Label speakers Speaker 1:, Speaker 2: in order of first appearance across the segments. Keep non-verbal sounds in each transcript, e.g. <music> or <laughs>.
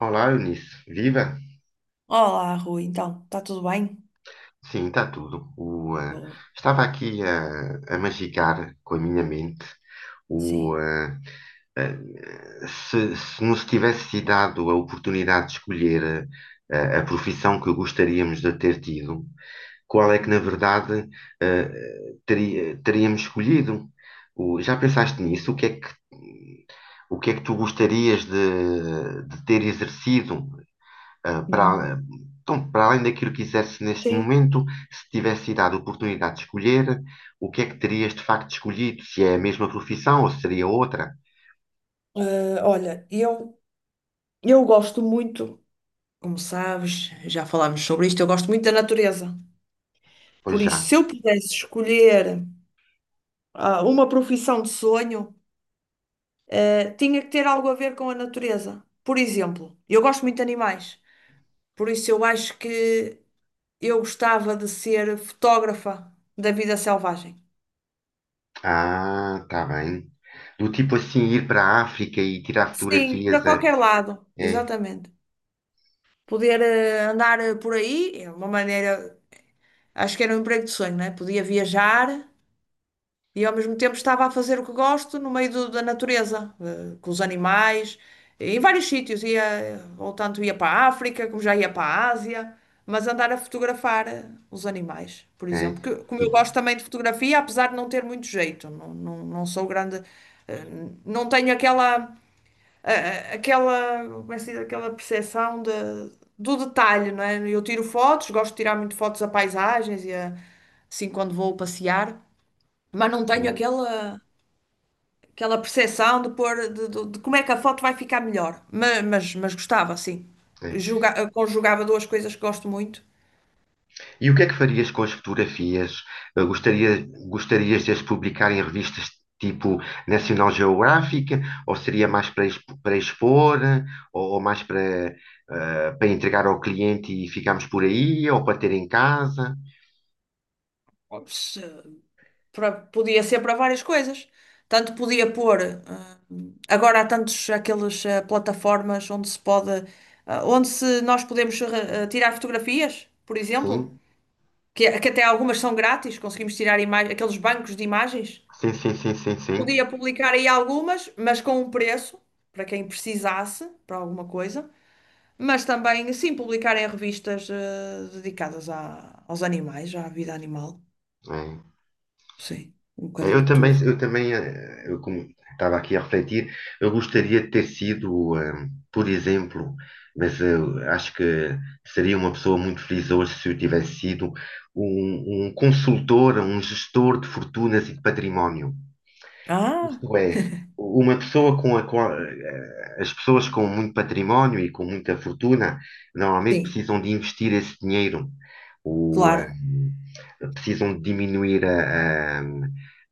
Speaker 1: Olá, Eunice. Viva?
Speaker 2: Olá, Rui, então, está tudo bem?
Speaker 1: Sim, está tudo.
Speaker 2: Boa,
Speaker 1: Estava aqui a magicar com a minha mente o,
Speaker 2: sim.
Speaker 1: eh, eh, se nos tivesse sido dado a oportunidade de escolher a, profissão que gostaríamos de ter tido, qual é que, na verdade, eh, teríamos escolhido? Já pensaste nisso? O que é que tu gostarias de ter exercido? ah,
Speaker 2: Uhum.
Speaker 1: para, então, para além daquilo que quisesse neste
Speaker 2: Sim.
Speaker 1: momento, se tivesse dado a oportunidade de escolher, o que é que terias de facto escolhido? Se é a mesma profissão ou se seria outra?
Speaker 2: Olha, eu gosto muito, como sabes, já falámos sobre isto, eu gosto muito da natureza.
Speaker 1: Pois
Speaker 2: Por
Speaker 1: já.
Speaker 2: isso, se eu pudesse escolher uma profissão de sonho, tinha que ter algo a ver com a natureza. Por exemplo, eu gosto muito de animais, por isso eu acho que eu gostava de ser fotógrafa da vida selvagem.
Speaker 1: Ah, tá bem. Do tipo assim, ir para a África e tirar
Speaker 2: Sim, para
Speaker 1: fotografias. A
Speaker 2: qualquer lado,
Speaker 1: É,
Speaker 2: exatamente. Poder andar por aí, é uma maneira, acho que era um emprego de sonho, né? Podia viajar e ao mesmo tempo estava a fazer o que gosto no meio da natureza, com os animais, em vários sítios, ou tanto ia para a África, como já ia para a Ásia, mas andar a fotografar os animais, por
Speaker 1: é.
Speaker 2: exemplo, que, como eu
Speaker 1: E-
Speaker 2: gosto também de fotografia, apesar de não ter muito jeito, não sou grande, eh, não tenho aquela aquela, como é que se diz? Aquela percepção de, do detalhe, não é? Eu tiro fotos, gosto de tirar muito fotos a paisagens assim quando vou passear, mas não tenho
Speaker 1: sim,
Speaker 2: aquela, aquela percepção de, pôr, de como é que a foto vai ficar melhor. Mas gostava, sim.
Speaker 1: é.
Speaker 2: Conjugava duas coisas que gosto muito.
Speaker 1: E o que é que farias com as fotografias? Gostarias de as publicar em revistas tipo National Geographic? Ou seria mais para, para expor? Ou mais para, para entregar ao cliente e ficarmos por aí? Ou para ter em casa?
Speaker 2: Para- podia ser para várias coisas. Tanto podia pôr, ah, agora há tantos aquelas plataformas onde se pode, onde se nós podemos tirar fotografias, por exemplo,
Speaker 1: Sim,
Speaker 2: que até algumas são grátis, conseguimos tirar aqueles bancos de imagens.
Speaker 1: sim, sim, sim, sim, sim.
Speaker 2: Podia publicar aí algumas, mas com um preço, para quem precisasse, para alguma coisa. Mas também, sim, publicar em revistas dedicadas a aos animais, à vida animal.
Speaker 1: É.
Speaker 2: Sim, um bocadinho
Speaker 1: Eu
Speaker 2: de
Speaker 1: também,
Speaker 2: tudo.
Speaker 1: eu também, eh, eu como estava aqui a refletir, eu gostaria de ter sido, por exemplo, mas eu acho que seria uma pessoa muito feliz hoje se eu tivesse sido um consultor, um gestor de fortunas e de património.
Speaker 2: Ah,
Speaker 1: Isto é, uma pessoa com a qual, as pessoas com muito património e com muita fortuna normalmente
Speaker 2: sim.
Speaker 1: precisam de investir esse dinheiro. O, eh,
Speaker 2: Claro,
Speaker 1: precisam de diminuir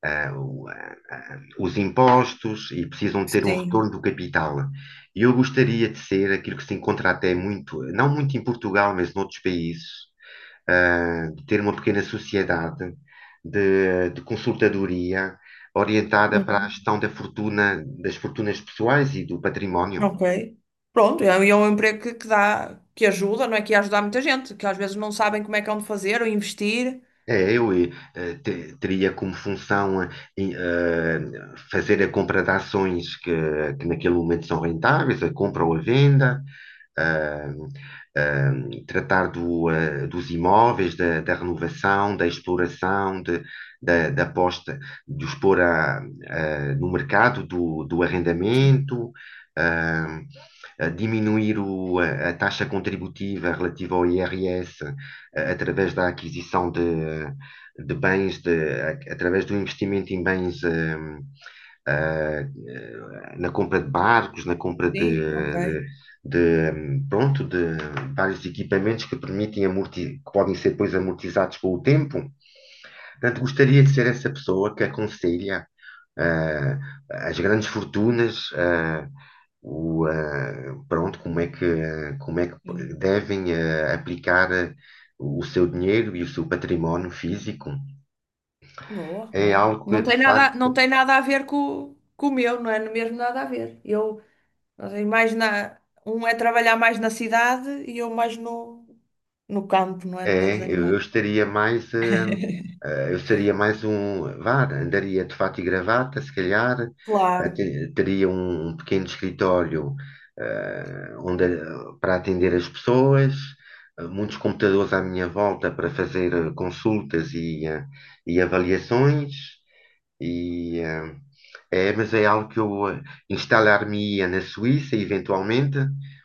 Speaker 1: a- a- os impostos e precisam de ter um
Speaker 2: sim.
Speaker 1: retorno do capital. E eu gostaria de ser aquilo que se encontra até muito, não muito em Portugal, mas noutros países, de ter uma pequena sociedade de consultadoria orientada para a
Speaker 2: Uhum.
Speaker 1: gestão da fortuna, das fortunas pessoais e do património.
Speaker 2: Ok. Pronto, é, e é um emprego que dá, que ajuda, não é que ia ajudar muita gente, que às vezes não sabem como é que é onde fazer ou investir.
Speaker 1: É, eu eh, eh, te- Teria como função em, eh, fazer a compra de ações que naquele momento são rentáveis, a compra ou a venda, ah, ah, tratar dos imóveis, da renovação, da exploração, da posta, de os pôr à- ah, no mercado do
Speaker 2: Sim,
Speaker 1: arrendamento, ah, a diminuir a taxa contributiva relativa ao IRS através da aquisição de bens, através do investimento em bens, eh, na compra de barcos, na compra
Speaker 2: sim, ok.
Speaker 1: de- pronto, de vários equipamentos que permitem amorti que podem ser depois amortizados com o tempo. Portanto, gostaria de ser essa pessoa que aconselha ah, as grandes fortunas, ah, o, ah, pronto, como é que, ah, como é que
Speaker 2: Sim.
Speaker 1: devem aplicar o seu dinheiro e o seu património físico.
Speaker 2: Boa,
Speaker 1: É
Speaker 2: olha.
Speaker 1: algo que, de
Speaker 2: Não
Speaker 1: facto,
Speaker 2: tem nada a ver com o meu, não é mesmo nada a ver. Eu, não mais na, um é trabalhar mais na cidade e eu mais no, no campo, não é? No meio dos animais.
Speaker 1: Eu estaria mais, eu seria mais um, vá, andaria de fato e gravata, se calhar,
Speaker 2: Claro.
Speaker 1: teria um pequeno escritório eh, onde, para atender as pessoas, muitos computadores à minha volta para fazer consultas e avaliações, e, eh, mas é algo que instalar-me-ia na Suíça, eventualmente,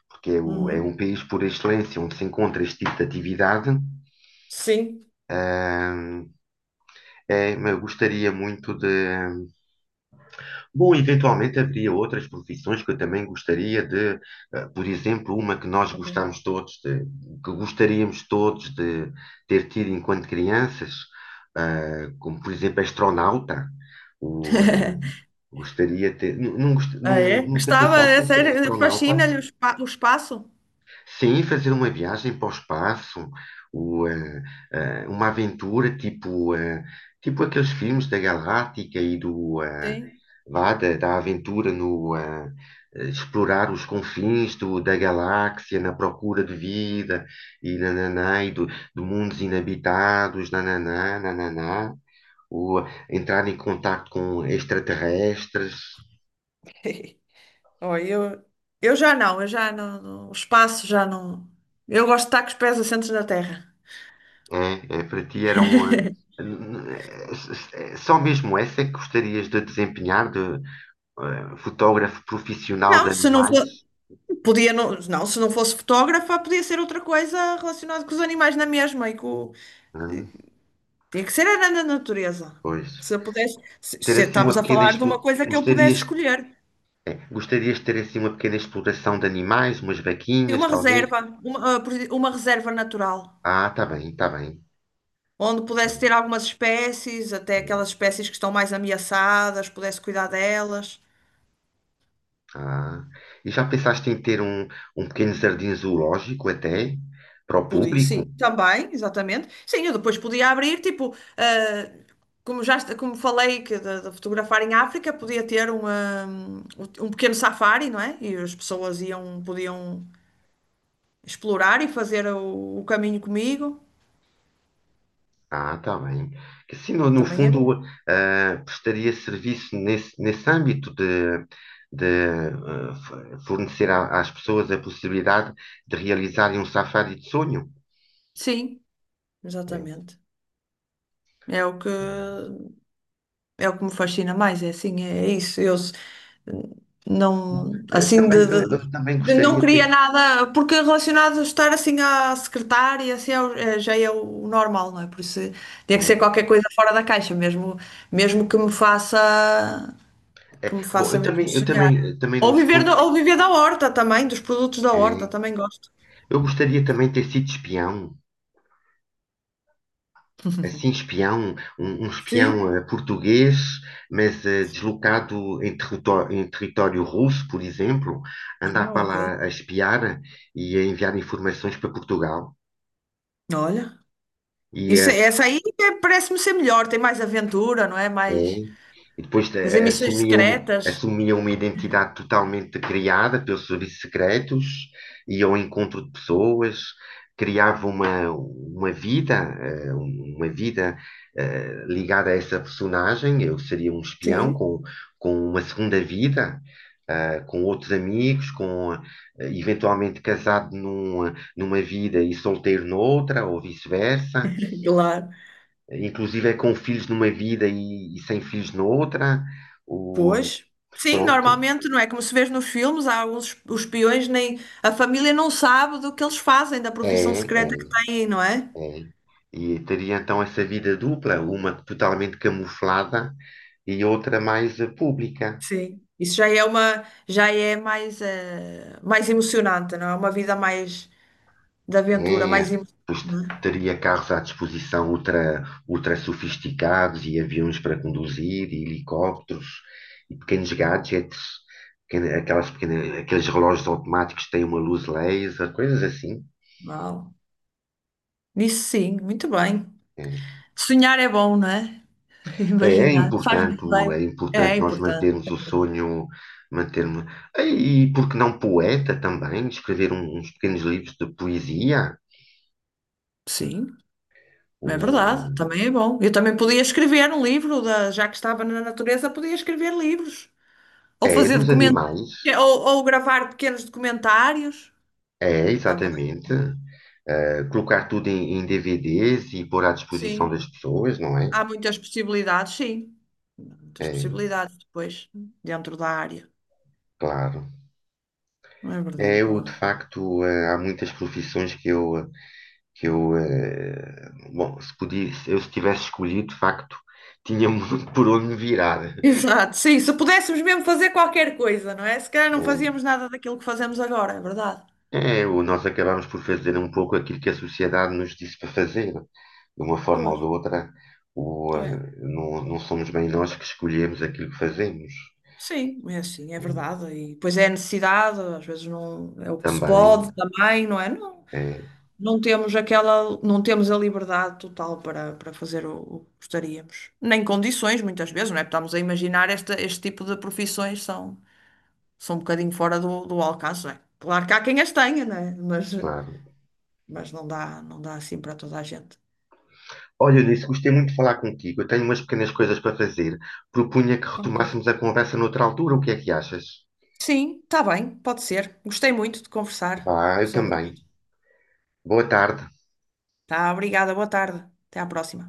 Speaker 1: porque é um
Speaker 2: Uhum.
Speaker 1: país por excelência onde se encontra este tipo de atividade.
Speaker 2: Sim.
Speaker 1: eh, É, eu gostaria muito de. Bom, eventualmente haveria outras profissões que eu também gostaria de, por exemplo, uma que nós
Speaker 2: Ok.
Speaker 1: gostamos todos de, que gostaríamos todos de ter tido enquanto crianças, como por exemplo astronauta. O, eh,
Speaker 2: <laughs>
Speaker 1: gostaria de ter.
Speaker 2: Ah, é?
Speaker 1: Nunca
Speaker 2: Gostava,
Speaker 1: pensaste
Speaker 2: é
Speaker 1: em ser
Speaker 2: sério,
Speaker 1: astronauta?
Speaker 2: fascina-lhe o, o espaço.
Speaker 1: Sim, fazer uma viagem para o espaço, o, eh, uma aventura tipo, tipo aqueles filmes da Galáctica e
Speaker 2: Sim.
Speaker 1: vá, da aventura no eh, eh, explorar os confins da galáxia na procura de vida e nananá, e do, de mundos inabitados, nananá, nananá, ou entrar em contato com extraterrestres.
Speaker 2: <laughs> Oh, eu, eu já não, o espaço já não. Eu gosto de estar com os pés assentes na terra.
Speaker 1: É, é, para ti era um. Só mesmo essa é que gostarias de desempenhar de fotógrafo profissional de
Speaker 2: Não, se não for,
Speaker 1: animais?
Speaker 2: podia não, não, se não fosse fotógrafa, podia ser outra coisa relacionada com os animais na mesma e com,
Speaker 1: Hum,
Speaker 2: tinha que ser era na natureza.
Speaker 1: pois.
Speaker 2: Se eu pudesse,
Speaker 1: Ter
Speaker 2: se
Speaker 1: assim
Speaker 2: estamos
Speaker 1: uma
Speaker 2: a
Speaker 1: pequena
Speaker 2: falar de
Speaker 1: explo-
Speaker 2: uma coisa que eu pudesse
Speaker 1: Gostarias,
Speaker 2: escolher,
Speaker 1: gostarias de ter assim uma pequena exploração de animais, umas vaquinhas,
Speaker 2: uma
Speaker 1: talvez?
Speaker 2: reserva, uma, por exemplo, uma reserva natural.
Speaker 1: Ah, tá bem, tá bem.
Speaker 2: Onde
Speaker 1: É,
Speaker 2: pudesse ter algumas espécies, até
Speaker 1: é.
Speaker 2: aquelas espécies que estão mais ameaçadas, pudesse cuidar delas.
Speaker 1: Ah. E já pensaste em ter um pequeno jardim zoológico até para o
Speaker 2: Podia,
Speaker 1: público?
Speaker 2: sim, também, exatamente. Sim, eu depois podia abrir, tipo, como como falei que de fotografar em África, podia ter um, um pequeno safari, não é? E as pessoas iam, podiam explorar e fazer o caminho comigo.
Speaker 1: Ah, tá bem. Que assim, no
Speaker 2: Também era. Um-
Speaker 1: fundo, prestaria serviço nesse âmbito de fornecer às pessoas a possibilidade de realizarem um safari de sonho.
Speaker 2: sim,
Speaker 1: É.
Speaker 2: exatamente. É o que é o que me fascina mais, é assim, é isso. Eu,
Speaker 1: Bom,
Speaker 2: não, assim,
Speaker 1: Eu também
Speaker 2: de não
Speaker 1: gostaria de
Speaker 2: queria
Speaker 1: ter.
Speaker 2: nada, porque relacionado a estar assim à secretária, já é o normal, não é? Por isso tinha que ser
Speaker 1: Pois.
Speaker 2: qualquer coisa fora da caixa, mesmo, mesmo que me faça,
Speaker 1: É,
Speaker 2: que me
Speaker 1: bom,
Speaker 2: faça mesmo sonhar.
Speaker 1: também não
Speaker 2: Ou viver,
Speaker 1: escondo.
Speaker 2: ou viver da horta também, dos produtos da horta,
Speaker 1: É,
Speaker 2: também gosto.
Speaker 1: eu gostaria também de ter sido espião. Assim, espião, um
Speaker 2: Sim.
Speaker 1: espião português, mas deslocado em território russo, por exemplo, andar
Speaker 2: Ah,
Speaker 1: para
Speaker 2: ok.
Speaker 1: lá a espiar e a enviar informações para Portugal.
Speaker 2: Olha,
Speaker 1: E,
Speaker 2: isso,
Speaker 1: eh,
Speaker 2: parece-me ser melhor, tem mais aventura, não é?
Speaker 1: É.
Speaker 2: Mais
Speaker 1: E depois
Speaker 2: fazer missões secretas.
Speaker 1: assumia uma identidade totalmente criada pelos serviços secretos, ia ao encontro de pessoas, criava uma vida, uma vida ligada a essa personagem. Eu seria um espião
Speaker 2: Sim,
Speaker 1: com uma segunda vida, com outros amigos, eventualmente casado numa vida e solteiro noutra, ou vice-versa
Speaker 2: <laughs> claro.
Speaker 1: inclusive é com filhos numa vida e sem filhos noutra. O,
Speaker 2: Pois, sim,
Speaker 1: pronto,
Speaker 2: normalmente não é como se vê nos filmes, há alguns os peões nem a família não sabe do que eles fazem, da profissão
Speaker 1: é,
Speaker 2: secreta
Speaker 1: é,
Speaker 2: que têm, não é?
Speaker 1: é. E teria então essa vida dupla, uma totalmente camuflada e outra mais pública.
Speaker 2: Sim. Isso já é uma, já é mais, mais emocionante, não é? Uma vida mais de aventura,
Speaker 1: É, é.
Speaker 2: mais emocionante. Não é?
Speaker 1: Teria carros à disposição ultra sofisticados e aviões para conduzir, e helicópteros e pequenos gadgets, aqueles relógios automáticos que têm uma luz laser, coisas assim.
Speaker 2: Uau. Isso sim, muito bem.
Speaker 1: É.
Speaker 2: Sonhar é bom, não é? <laughs>
Speaker 1: É,
Speaker 2: Imaginar, faz muito bem.
Speaker 1: é
Speaker 2: É
Speaker 1: importante nós
Speaker 2: importante.
Speaker 1: mantermos o sonho, mantermos. E por que não poeta também? Escrever uns pequenos livros de poesia?
Speaker 2: Sim, é verdade,
Speaker 1: Ou-
Speaker 2: também é bom. Eu também podia escrever um livro, já que estava na natureza, podia escrever livros. Ou
Speaker 1: É,
Speaker 2: fazer
Speaker 1: dos
Speaker 2: documentos,
Speaker 1: animais.
Speaker 2: ou gravar pequenos documentários
Speaker 1: É,
Speaker 2: também.
Speaker 1: exatamente. Eh, colocar tudo em, em DVDs e pôr à disposição
Speaker 2: Sim,
Speaker 1: das pessoas, não é?
Speaker 2: há muitas possibilidades, sim. Há muitas
Speaker 1: É,
Speaker 2: possibilidades depois, dentro da área.
Speaker 1: claro.
Speaker 2: Não é verdade,
Speaker 1: É, eu, de
Speaker 2: Dora?
Speaker 1: facto, há muitas profissões que eu, bom, se podia, se tivesse escolhido, de facto, tinha muito <laughs> por onde me virar.
Speaker 2: Exato, sim. Se pudéssemos mesmo fazer qualquer coisa, não é? Se calhar não
Speaker 1: É,
Speaker 2: fazíamos nada daquilo que fazemos agora, é verdade.
Speaker 1: É, nós acabamos por fazer um pouco aquilo que a sociedade nos disse para fazer. De uma forma ou
Speaker 2: Pois,
Speaker 1: de outra,
Speaker 2: é.
Speaker 1: não, não somos bem nós que escolhemos aquilo que fazemos.
Speaker 2: Sim, é assim, é verdade. E depois é a necessidade, às vezes não é o que se
Speaker 1: Também,
Speaker 2: pode também, não é? Não
Speaker 1: é,
Speaker 2: não temos aquela, não temos a liberdade total para, para fazer o que gostaríamos. Nem condições, muitas vezes, não é? Porque estamos a imaginar esta, este tipo de profissões são, são um bocadinho fora do, do alcance, não é? Claro que há quem as tenha, não é?
Speaker 1: claro.
Speaker 2: Mas não dá, não dá assim para toda a gente.
Speaker 1: Olha, Eunice, gostei muito de falar contigo. Eu tenho umas pequenas coisas para fazer. Propunha que
Speaker 2: Ok.
Speaker 1: retomássemos a conversa noutra altura. O que é que achas?
Speaker 2: Sim, está bem, pode ser. Gostei muito de conversar
Speaker 1: Vá, eu
Speaker 2: sobre
Speaker 1: também.
Speaker 2: isto.
Speaker 1: Boa tarde.
Speaker 2: Tá, obrigada, boa tarde. Até à próxima.